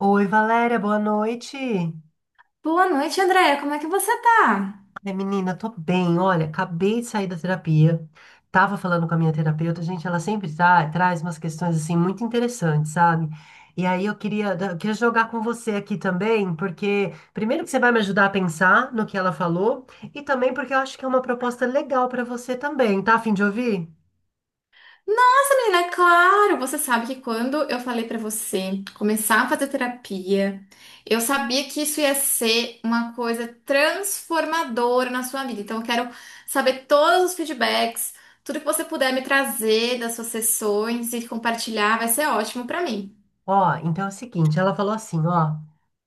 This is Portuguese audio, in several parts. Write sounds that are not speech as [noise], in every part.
Oi, Valéria, boa noite. Boa noite, Andréia. Como é que você tá? Ai, menina, tô bem. Olha, acabei de sair da terapia. Tava falando com a minha terapeuta, gente, ela sempre traz umas questões assim muito interessantes, sabe? E aí eu queria jogar com você aqui também, porque primeiro que você vai me ajudar a pensar no que ela falou, e também porque eu acho que é uma proposta legal pra você também, tá? A fim de ouvir? Nossa, menina, é claro, você sabe que quando eu falei pra você começar a fazer terapia, eu sabia que isso ia ser uma coisa transformadora na sua vida. Então, eu quero saber todos os feedbacks, tudo que você puder me trazer das suas sessões e compartilhar, vai ser ótimo pra mim. Ó, então é o seguinte, ela falou assim, ó.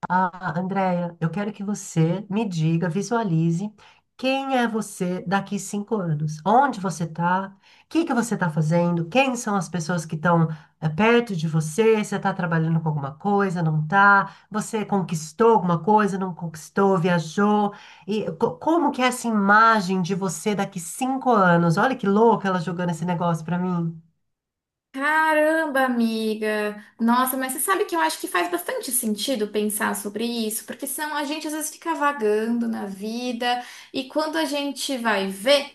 Ah, Andréia, eu quero que você me diga, visualize quem é você daqui 5 anos. Onde você está? O que que você está fazendo? Quem são as pessoas que estão perto de você? Você está trabalhando com alguma coisa? Não está? Você conquistou alguma coisa? Não conquistou? Viajou? E como que é essa imagem de você daqui 5 anos? Olha que louca ela jogando esse negócio para mim. Caramba, amiga! Nossa, mas você sabe que eu acho que faz bastante sentido pensar sobre isso, porque senão a gente às vezes fica vagando na vida e quando a gente vai ver,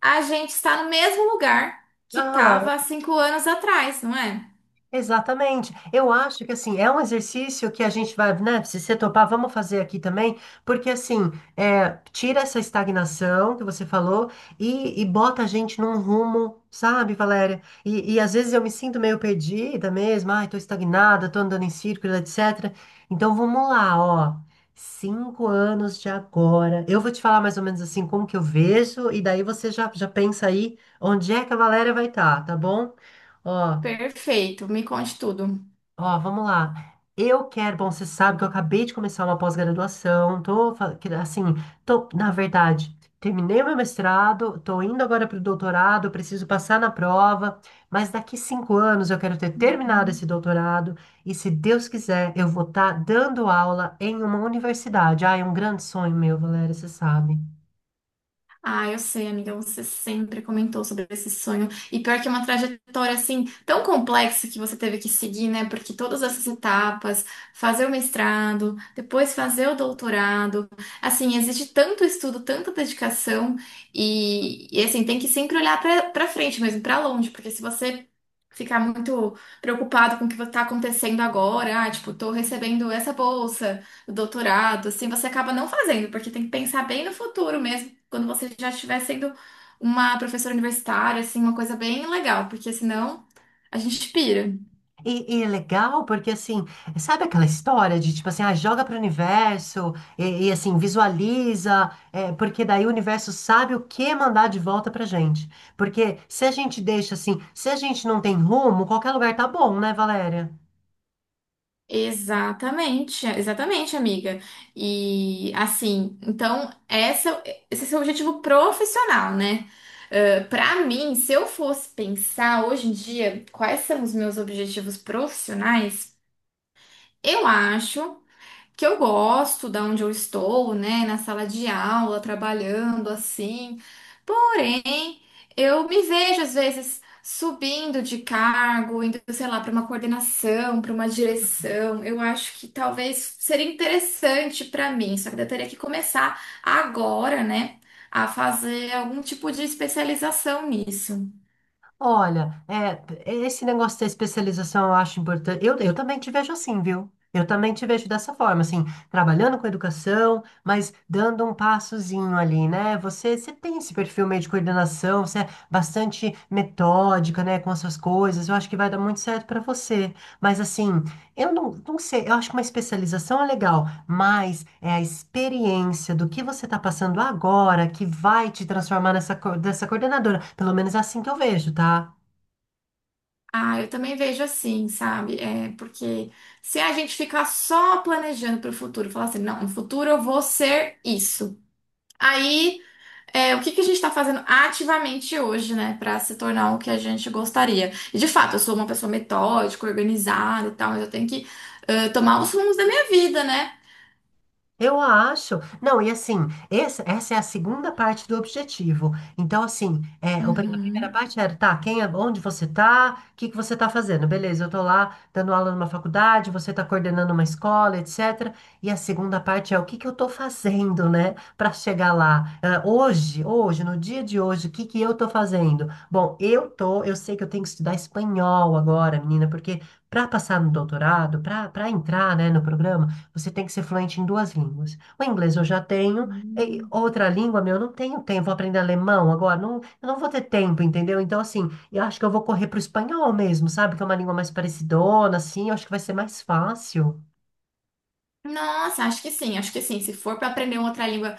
a gente está no mesmo lugar que estava há 5 anos atrás, não é? Exatamente. Eu acho que assim, é um exercício que a gente vai, né? Se você topar, vamos fazer aqui também, porque assim, é, tira essa estagnação que você falou e bota a gente num rumo, sabe, Valéria? E às vezes eu me sinto meio perdida mesmo, ai, tô estagnada, tô andando em círculo, etc. Então vamos lá, ó. 5 anos de agora. Eu vou te falar mais ou menos assim como que eu vejo, e daí você já pensa aí onde é que a Valéria vai estar, tá bom? Ó. Perfeito, me conte tudo. Ó, vamos lá. Eu quero, bom, você sabe que eu acabei de começar uma pós-graduação, tô, assim, tô, na verdade, terminei o meu mestrado, tô indo agora para o doutorado, preciso passar na prova, mas daqui 5 anos eu quero ter terminado esse doutorado e, se Deus quiser, eu vou estar dando aula em uma universidade. Ah, é um grande sonho meu, Valéria, você sabe. Ah, eu sei, amiga, você sempre comentou sobre esse sonho. E pior que é uma trajetória assim tão complexa que você teve que seguir, né? Porque todas essas etapas, fazer o mestrado, depois fazer o doutorado, assim, exige tanto estudo, tanta dedicação assim, tem que sempre olhar pra para frente mesmo, pra longe, porque se você ficar muito preocupado com o que tá acontecendo agora, ah, tipo, tô recebendo essa bolsa doutorado, assim, você acaba não fazendo, porque tem que pensar bem no futuro mesmo, quando você já estiver sendo uma professora universitária, assim, uma coisa bem legal, porque senão a gente pira. E é legal porque, assim, sabe aquela história de, tipo assim, ah, joga para o universo e, assim, visualiza, é, porque daí o universo sabe o que mandar de volta pra gente. Porque se a gente deixa assim, se a gente não tem rumo, qualquer lugar tá bom, né, Valéria? Exatamente, exatamente, amiga. E assim, então essa, esse é o seu objetivo profissional, né? Para pra mim, se eu fosse pensar hoje em dia quais são os meus objetivos profissionais, eu acho. Que eu gosto da onde eu estou, né, na sala de aula, trabalhando assim. Porém, eu me vejo às vezes subindo de cargo, indo, sei lá, para uma coordenação, para uma direção. Eu acho que talvez seria interessante para mim, só que eu teria que começar agora, né, a fazer algum tipo de especialização nisso. Olha, é, esse negócio da especialização eu acho importante. Eu também te vejo assim, viu? Eu também te vejo dessa forma, assim, trabalhando com educação, mas dando um passozinho ali, né? Você tem esse perfil meio de coordenação, você é bastante metódica, né, com as suas coisas. Eu acho que vai dar muito certo para você. Mas assim, eu não sei, eu acho que uma especialização é legal, mas é a experiência do que você está passando agora que vai te transformar dessa coordenadora. Pelo menos é assim que eu vejo, tá? Ah, eu também vejo assim, sabe? É porque se a gente ficar só planejando para o futuro, falar assim, não, no futuro eu vou ser isso. Aí, é, o que que a gente está fazendo ativamente hoje, né, para se tornar o que a gente gostaria? E de fato, eu sou uma pessoa metódica, organizada e tal, mas eu tenho que tomar os rumos da minha vida, né? Eu acho. Não, e assim, essa é a segunda parte do objetivo. Então, assim, é, a primeira Uhum. parte era, tá, quem é, onde você tá, o que que você tá fazendo? Beleza, eu tô lá dando aula numa faculdade, você tá coordenando uma escola, etc. E a segunda parte é o que que eu tô fazendo, né, para chegar lá. É, hoje, no dia de hoje, o que que eu tô fazendo? Bom, eu sei que eu tenho que estudar espanhol agora, menina, porque para passar no doutorado, para entrar, né, no programa você tem que ser fluente em duas línguas. O inglês eu já tenho, e Hum. outra língua, meu, eu não tenho tempo. Vou aprender alemão agora, não, eu não vou ter tempo, entendeu? Então, assim, eu acho que eu vou correr pro espanhol mesmo, sabe? Que é uma língua mais parecidona, assim, eu acho que vai ser mais fácil. Nossa, acho que sim, acho que sim. Se for para aprender uma outra língua.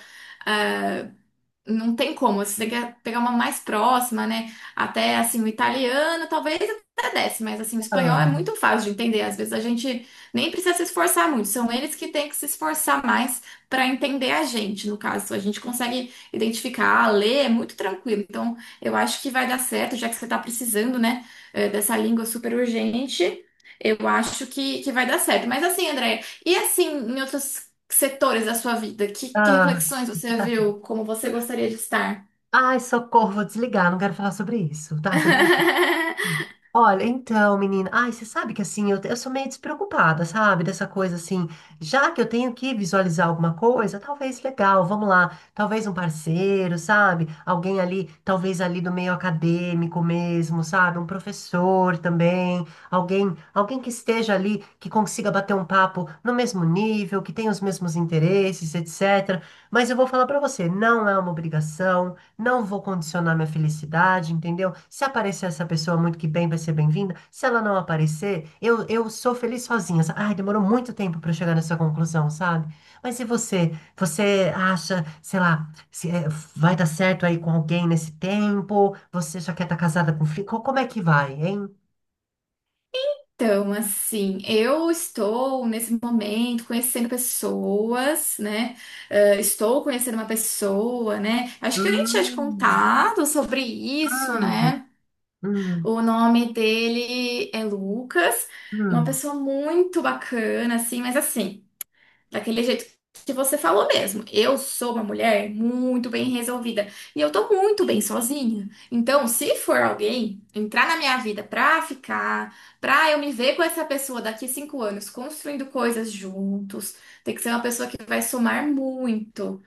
Não tem como, se você quer pegar uma mais próxima, né? Até assim, o italiano talvez até desce, mas assim, o Ah, espanhol é muito fácil de entender. Às vezes a gente nem precisa se esforçar muito, são eles que têm que se esforçar mais para entender a gente. No caso, a gente consegue identificar, ler, é muito tranquilo. Então, eu acho que vai dar certo, já que você está precisando, né, dessa língua super urgente. Eu acho que vai dar certo. Mas assim, Andréia, e assim, em outros que setores da sua vida? Que ah. reflexões você viu? Como você gostaria de estar? Ai, socorro, vou desligar, não quero falar sobre isso, tá? Tô. Hum. [laughs] Olha, então, menina, ai, você sabe que assim, eu sou meio despreocupada, sabe? Dessa coisa assim, já que eu tenho que visualizar alguma coisa, talvez legal, vamos lá, talvez um parceiro, sabe? Alguém ali, talvez ali do meio acadêmico mesmo, sabe? Um professor também, alguém que esteja ali, que consiga bater um papo no mesmo nível, que tenha os mesmos interesses, etc. Mas eu vou falar pra você, não é uma obrigação. Não vou condicionar minha felicidade, entendeu? Se aparecer essa pessoa muito que bem, vai ser bem-vinda. Se ela não aparecer, eu sou feliz sozinha. Ai, demorou muito tempo para eu chegar nessa conclusão, sabe? Mas e você? Você acha, sei lá, se, é, vai dar certo aí com alguém nesse tempo? Você já quer estar casada com filho? Como é que vai, hein? Então, assim, eu estou nesse momento conhecendo pessoas, né? Estou conhecendo uma pessoa, né? Acho que eu nem tinha te Hum, contado sobre isso, hum, né? hum, O nome dele é Lucas, uma hum. pessoa muito bacana, assim, mas assim. Daquele jeito que você falou mesmo. Eu sou uma mulher muito bem resolvida e eu tô muito bem sozinha. Então, se for alguém entrar na minha vida pra ficar, pra eu me ver com essa pessoa daqui 5 anos construindo coisas juntos, tem que ser uma pessoa que vai somar muito.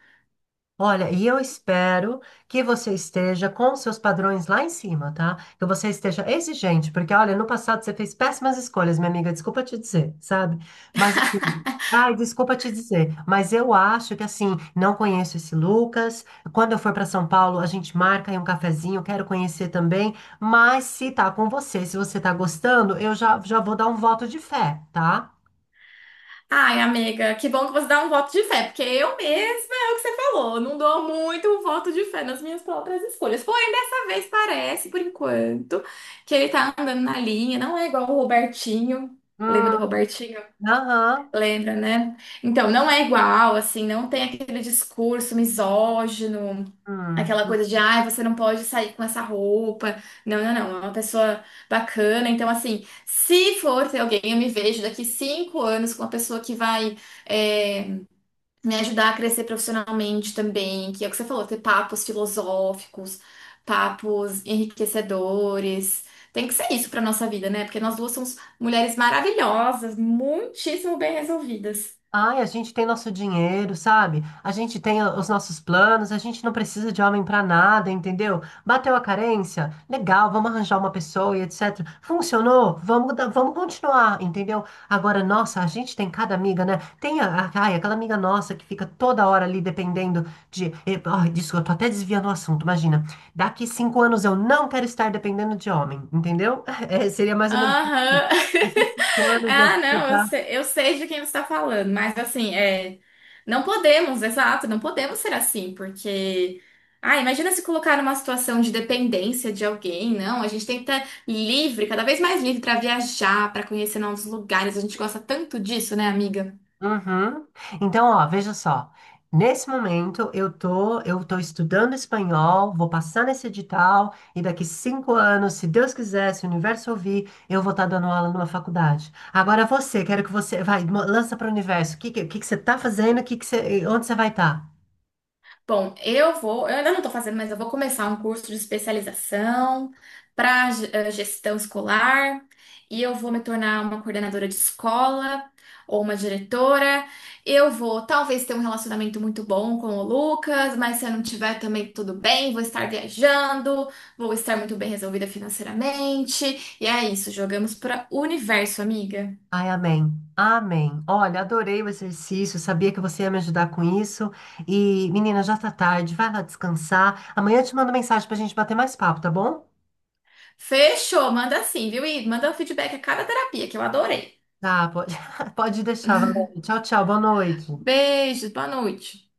Olha, e eu espero que você esteja com os seus padrões lá em cima, tá? Que você esteja exigente, porque olha, no passado você fez péssimas escolhas, minha amiga, desculpa te dizer, sabe? Mas assim, ai, desculpa te dizer, mas eu acho que assim, não conheço esse Lucas. Quando eu for para São Paulo, a gente marca aí um cafezinho, quero conhecer também. Mas se tá com você, se você tá gostando, eu já, já vou dar um voto de fé, tá? Ai, amiga, que bom que você dá um voto de fé, porque eu mesma é o que você falou, não dou muito um voto de fé nas minhas próprias escolhas. Porém, dessa vez parece, por enquanto, que ele tá andando na linha, não é igual o Robertinho. Lembra do Hum, Robertinho? aham. Lembra, né? Então, não é igual, assim, não tem aquele discurso misógino, Hum. aquela coisa de, ai, você não pode sair com essa roupa. Não, não, não, é uma pessoa bacana. Então, assim, se for ter alguém, eu me vejo daqui 5 anos com uma pessoa que vai, eh, me ajudar a crescer profissionalmente também, que é o que você falou, ter papos filosóficos, papos enriquecedores. Tem que ser isso para nossa vida, né? Porque nós duas somos mulheres maravilhosas, muitíssimo bem resolvidas. Ai, a gente tem nosso dinheiro, sabe? A gente tem os nossos planos, a gente não precisa de homem pra nada, entendeu? Bateu a carência? Legal, vamos arranjar uma pessoa e etc. Funcionou? Vamos continuar, entendeu? Agora, nossa, a gente tem cada amiga, né? Tem ai, aquela amiga nossa que fica toda hora ali dependendo de. Ai, desculpa, eu tô até desviando o assunto, imagina. Daqui cinco anos eu não quero estar dependendo de homem, entendeu? [laughs] É, seria mais ou menos isso. Aham. [laughs] Daqui 5 anos eu Ah, fico. não, eu sei de quem você está falando, mas assim, é, não podemos, exato, não podemos ser assim, porque, ah, imagina se colocar numa situação de dependência de alguém, não, a gente tem que estar livre, cada vez mais livre para viajar, para conhecer novos lugares, a gente gosta tanto disso, né, amiga? Uhum. Então, ó, veja só. Nesse momento, eu tô estudando espanhol, vou passar nesse edital, e daqui 5 anos, se Deus quiser, se o universo ouvir, eu vou estar dando aula numa faculdade. Agora você, quero que você, vai, lança para o universo. O que, que você tá fazendo? Que você, onde você vai estar? Bom, eu vou, eu ainda não estou fazendo, mas eu vou começar um curso de especialização para gestão escolar e eu vou me tornar uma coordenadora de escola ou uma diretora. Eu vou talvez ter um relacionamento muito bom com o Lucas, mas se eu não tiver também tudo bem, vou estar viajando, vou estar muito bem resolvida financeiramente. E é isso, jogamos para o universo, amiga. Ai, amém. Amém. Olha, adorei o exercício, sabia que você ia me ajudar com isso. E, menina, já tá tarde, vai lá descansar. Amanhã eu te mando mensagem pra gente bater mais papo, tá bom? Fechou, manda sim, viu? E manda um feedback a cada terapia, que eu adorei. Tá, pode, [laughs] pode deixar, Valéria. Tchau, tchau, boa noite. Beijos, boa noite.